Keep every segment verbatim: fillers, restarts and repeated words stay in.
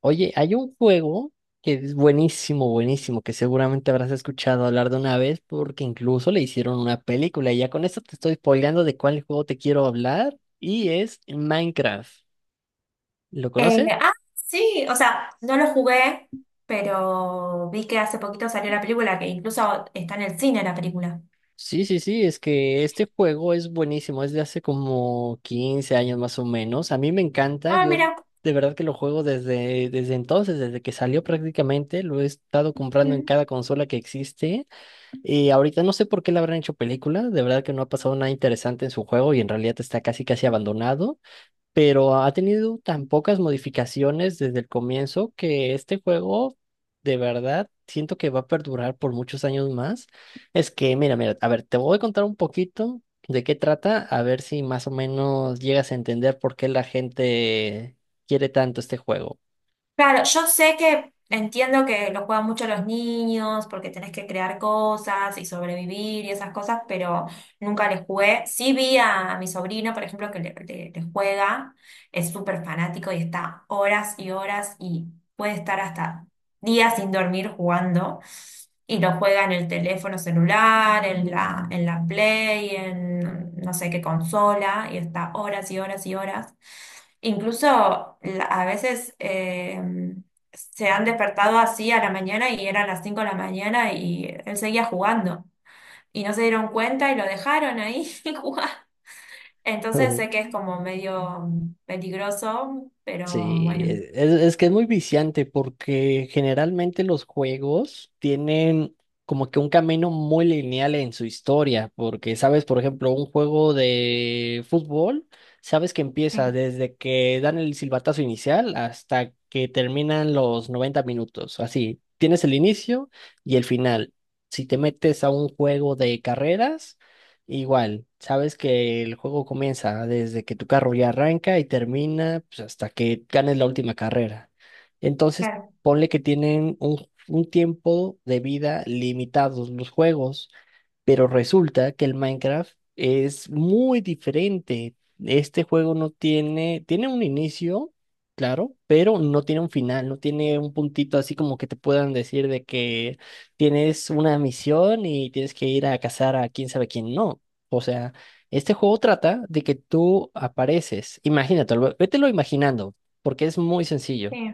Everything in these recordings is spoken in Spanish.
Oye, hay un juego que es buenísimo, buenísimo, que seguramente habrás escuchado hablar de una vez porque incluso le hicieron una película, y ya con esto te estoy spoileando de cuál juego te quiero hablar, y es Minecraft. ¿Lo Eh, conoces? Ah, sí, o sea, no lo jugué, pero vi que hace poquito salió la película, que incluso está en el cine la película. Sí, sí, sí, es que este juego es buenísimo, es de hace como quince años más o menos. A mí me encanta. Ah, Yo mira. de verdad que lo juego desde, desde entonces, desde que salió prácticamente. Lo he estado comprando en cada consola que existe. Y ahorita no sé por qué le habrán hecho película, de verdad que no ha pasado nada interesante en su juego y en realidad está casi casi abandonado, pero ha tenido tan pocas modificaciones desde el comienzo que este juego de verdad siento que va a perdurar por muchos años más. Es que, mira, mira, a ver, te voy a contar un poquito de qué trata, a ver si más o menos llegas a entender por qué la gente quiere tanto este juego. Claro, yo sé que entiendo que lo juegan mucho los niños porque tenés que crear cosas y sobrevivir y esas cosas, pero nunca les jugué. Sí vi a mi sobrino, por ejemplo, que le, le- le juega, es súper fanático y está horas y horas y puede estar hasta días sin dormir jugando. Y lo juega en el teléfono celular, en la, en la Play, en no sé qué consola, y está horas y horas y horas. Incluso la- a veces eh, se han despertado así a la mañana y eran las cinco de la mañana y él seguía jugando. Y no se dieron cuenta y lo dejaron ahí jugar. Entonces sé que es como medio mm, peligroso, pero Sí, bueno. e- es, es que es muy viciante, porque generalmente los juegos tienen como que un camino muy lineal en su historia, porque sabes, por ejemplo, un juego de fútbol, sabes que empieza Sí, desde que dan el silbatazo inicial hasta que terminan los noventa minutos. Así, tienes el inicio y el final. Si te metes a un juego de carreras, igual, sabes que el juego comienza desde que tu carro ya arranca y termina, pues, hasta que ganes la última carrera. Entonces, claro, ponle que tienen un, un tiempo de vida limitados los juegos. Pero resulta que el Minecraft es muy diferente. Este juego no tiene, tiene un inicio, claro, pero no tiene un final, no tiene un puntito así como que te puedan decir de que tienes una misión y tienes que ir a cazar a quién sabe quién. No. O sea, este juego trata de que tú apareces. Imagínatelo, vételo imaginando, porque es muy sencillo. sí,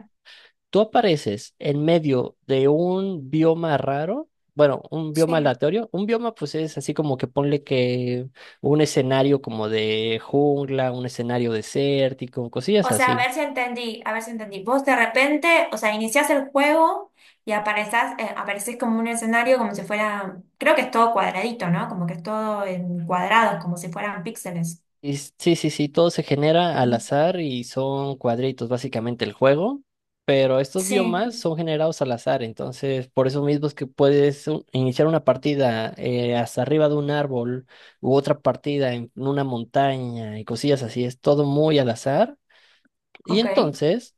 Tú apareces en medio de un bioma raro, bueno, un bioma sí. aleatorio. Un bioma, pues, es así como que ponle que un escenario como de jungla, un escenario desértico, cosillas O sea, a así. ver si entendí, a ver si entendí. Vos de repente, o sea, iniciás el juego y aparezás, eh, aparecés como un escenario como si fuera, creo que es todo cuadradito, ¿no? Como que es todo en cuadrados, como si fueran píxeles. Y s- sí, sí, sí, todo se genera al Ujú. azar y son cuadritos básicamente el juego, pero estos Sí, biomas son generados al azar, entonces por eso mismo es que puedes u- iniciar una partida eh, hasta arriba de un árbol u otra partida en una montaña y cosillas así. Es todo muy al azar. Y ok. entonces,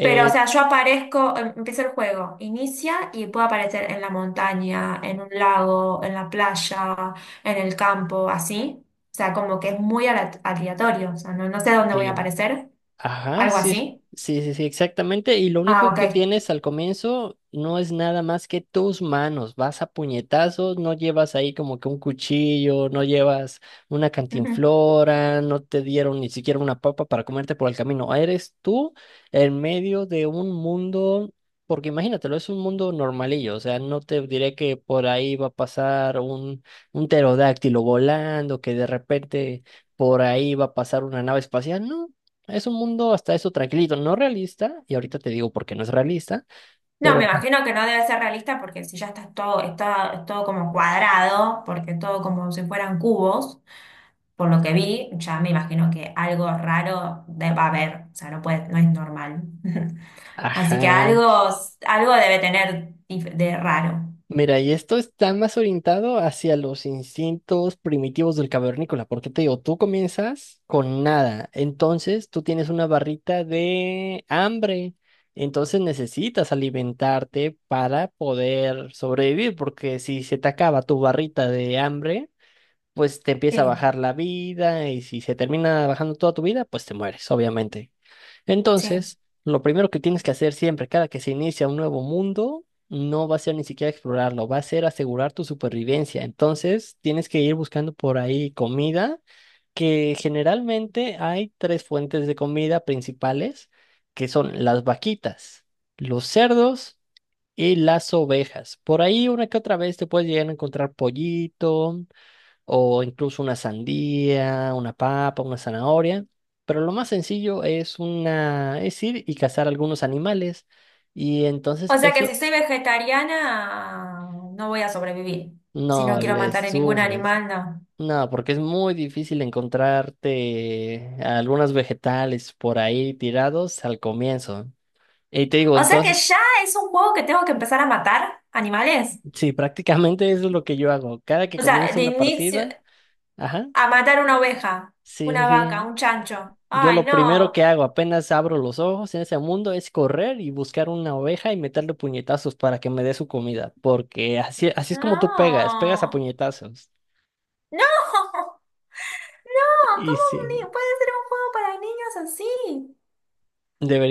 Pero, o sea, yo aparezco, em- empieza el juego, inicia y puedo aparecer en la montaña, en un lago, en la playa, en el campo, así. O sea, como que es muy ala- aleatorio, o sea, no, no sé dónde voy a sí. aparecer, Ajá, algo sí, así. sí, sí, sí, exactamente. Y lo Ah, único que ok. tienes al comienzo no es nada más que tus manos. Vas a puñetazos, no llevas ahí como que un cuchillo, no llevas una cantinflora, no te dieron ni siquiera una papa para comerte por el camino. Eres tú en medio de un mundo, porque imagínatelo, es un mundo normalillo. O sea, no te diré que por ahí va a pasar un, un pterodáctilo volando, que de repente por ahí va a pasar una nave espacial. No. Es un mundo hasta eso tranquilito, no realista, y ahorita te digo por qué no es realista, No, pero me ajá. imagino que no debe ser realista porque si ya está todo, está, es todo como cuadrado, porque todo como si fueran cubos, por lo que vi, ya me imagino que algo raro de- va a haber, o sea, no puede, no es normal. Así que Ajá. algo, algo debe tener dif- de raro. Mira, y esto está más orientado hacia los instintos primitivos del cavernícola, porque te digo, tú comienzas con nada, entonces tú tienes una barrita de hambre, entonces necesitas alimentarte para poder sobrevivir, porque si se te acaba tu barrita de hambre, pues te empieza a Sí, bajar la vida, y si se termina bajando toda tu vida, pues te mueres, obviamente. sí. Entonces, lo primero que tienes que hacer siempre, cada que se inicia un nuevo mundo, no va a ser ni siquiera explorarlo, va a ser asegurar tu supervivencia. Entonces, tienes que ir buscando por ahí comida, que generalmente hay tres fuentes de comida principales, que son las vaquitas, los cerdos y las ovejas. Por ahí una que otra vez te puedes llegar a encontrar pollito, o incluso una sandía, una papa, una zanahoria. Pero lo más sencillo es una, es ir y cazar algunos animales. Y O entonces sea que eso si soy vegetariana, no voy a sobrevivir. Si no no quiero les matar a ningún sufres. animal, no. No, porque es muy difícil encontrarte algunos vegetales por ahí tirados al comienzo. Y te digo, O sea que entonces, ya es un juego que tengo que empezar a matar animales. sí, prácticamente eso es lo que yo hago. Cada que O sea, comienza de una inicio. partida, ajá, A matar una oveja, sí, sí, una vaca, sí. un chancho. Yo Ay, lo primero no. que hago apenas abro los ojos en ese mundo es correr y buscar una oveja y meterle puñetazos para que me dé su comida, porque así, así es como tú pegas, pegas a No. puñetazos. No. No, Y ¿cómo un sí, ni- puede ser un juego para niños así?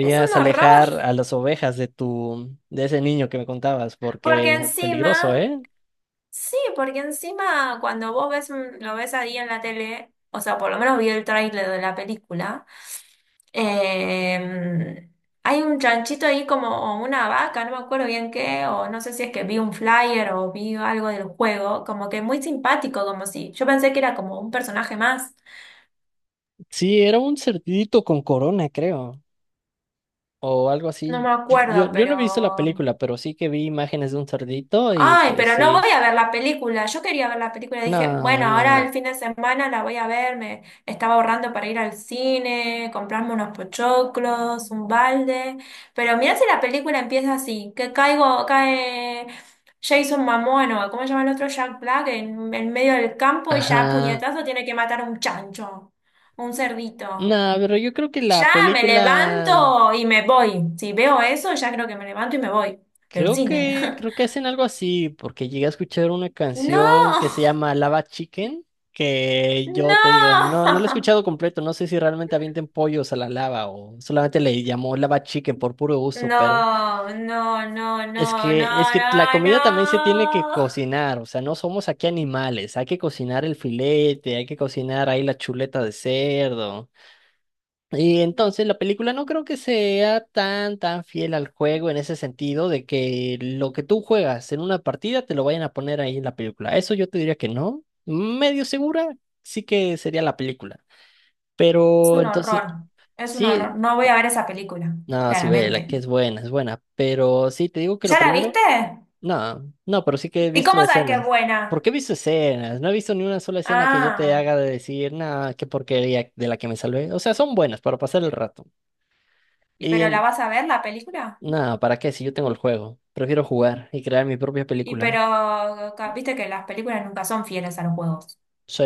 Es un horror. alejar a las ovejas de tu, de ese niño que me contabas, Porque porque peligroso, encima, ¿eh? sí, porque encima cuando vos ves un- lo ves ahí en la tele, o sea, por lo menos vi el tráiler de la película. Eh, Hay un chanchito ahí como una vaca, no me acuerdo bien qué, o no sé si es que vi un flyer o vi algo del juego, como que muy simpático, como si yo pensé que era como un personaje más, Sí, era un cerdito con corona, creo, o algo no me así. acuerdo, Yo, yo no he visto la pero, película, pero sí que vi imágenes de un cerdito y ay, pues pero no sí. voy a ver la película. Yo quería ver la película. Dije, No, bueno, no. ahora el fin de semana la voy a ver. Me estaba ahorrando para ir al cine, comprarme unos pochoclos, un balde. Pero mirá si la película empieza así, que caigo, cae Jason Mamón o ¿cómo se llama el otro? Jack Black en, en medio del campo y ya a Ajá. puñetazo tiene que matar a un chancho, un cerdito. Nada, pero yo creo que Ya la me película, levanto y me voy. Si veo eso, ya creo que me levanto y me voy del creo cine. que, creo que hacen algo así, porque llegué a escuchar una canción No. que se llama Lava Chicken, que yo te digo, No, no, no la he escuchado completo, no sé si realmente avienten pollos a la lava o solamente le llamó Lava Chicken por puro gusto, pero no, no, no, no, es no, que, es que la no, comida también se tiene que no. cocinar, o sea, no somos aquí animales, hay que cocinar el filete, hay que cocinar ahí la chuleta de cerdo. Y entonces la película no creo que sea tan tan fiel al juego en ese sentido de que lo que tú juegas en una partida te lo vayan a poner ahí en la película. Eso yo te diría que no. Medio segura sí que sería la película. Es Pero un entonces horror, es un horror. sí, No voy a ver esa película, no, sí ve la claramente. que es buena, es buena, pero sí te digo que lo ¿Ya la primero, viste? no, no, pero sí que he ¿Y visto cómo sabes que es escenas. ¿Por buena? qué he visto escenas? No he visto ni una sola escena que yo te Ah, haga de decir, nada, qué porquería de la que me salvé. O sea, son buenas para pasar el rato. ¿y Y pero la en- vas a ver la película? nada, ¿para qué? Si yo tengo el juego. Prefiero jugar y crear mi propia Y película. pero ca- viste que las películas nunca son fieles a los juegos. Sí,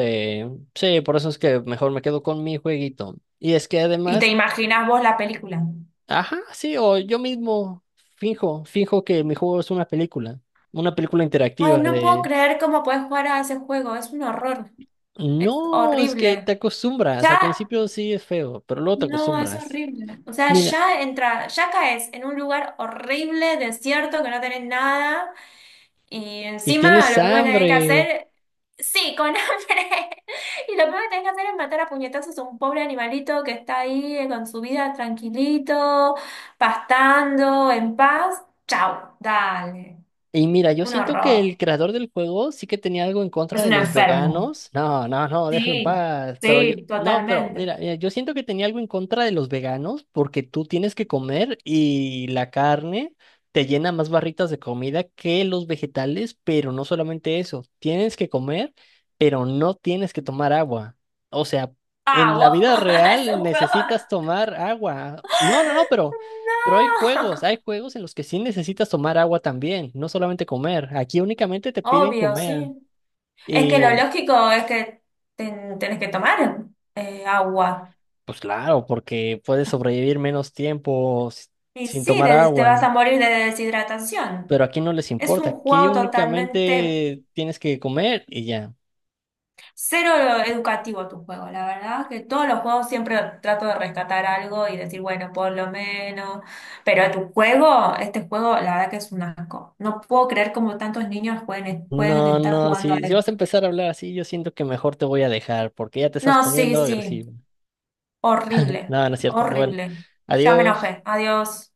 sí, por eso es que mejor me quedo con mi jueguito. Y es que ¿Y te además, imaginas vos la película? ajá, sí, o yo mismo finjo, finjo que mi juego es una película, una película interactiva Ay, no puedo de... creer cómo puedes jugar a ese juego, es un horror, es No, es que te horrible. acostumbras. Ya. Al principio sí es feo, pero luego te No, es acostumbras. horrible. O sea, Mira, ya entra, ya caes en un lugar horrible, desierto, que no tenés nada, y y encima tienes lo primero que tenés que hambre. hacer, sí, con hambre. Y lo primero que tenés que hacer es matar a puñetazos a un pobre animalito que está ahí eh, con su vida tranquilito, pastando, en paz. Chau, dale. Y mira, yo Un siento que el horror. creador del juego sí que tenía algo en contra Es de un los enfermo. veganos. No, no, no, déjalo en Sí, paz. Pero yo, sí, no, pero totalmente. mira, mira, yo siento que tenía algo en contra de los veganos porque tú tienes que comer y la carne te llena más barritas de comida que los vegetales, pero no solamente eso, tienes que comer, pero no tienes que tomar agua. O sea, Ah, en la wow, vida es real un juego. necesitas tomar agua. No, no, no, pero... Pero hay juegos, No. hay juegos en los que sí necesitas tomar agua también, no solamente comer. Aquí únicamente te piden Obvio, comer. sí. Es que lo Y lógico es que ten- tenés que tomar eh, agua. pues claro, porque puedes sobrevivir menos tiempo s- Y sin sí, tomar des- te agua. vas a morir de deshidratación. Pero aquí no les Es importa, un aquí juego totalmente únicamente tienes que comer y ya. cero educativo tu juego, la verdad. Que todos los juegos siempre trato de rescatar algo y decir, bueno, por lo menos. Pero tu juego, este juego, la verdad que es un asco. No puedo creer cómo tantos niños pueden, pueden No, estar no, jugando a si, si vas a esto. empezar a hablar así, yo siento que mejor te voy a dejar porque ya te estás No, sí, poniendo sí. agresivo. Horrible, No, no es cierto. Bueno, horrible. Ya me adiós. enojé. Adiós.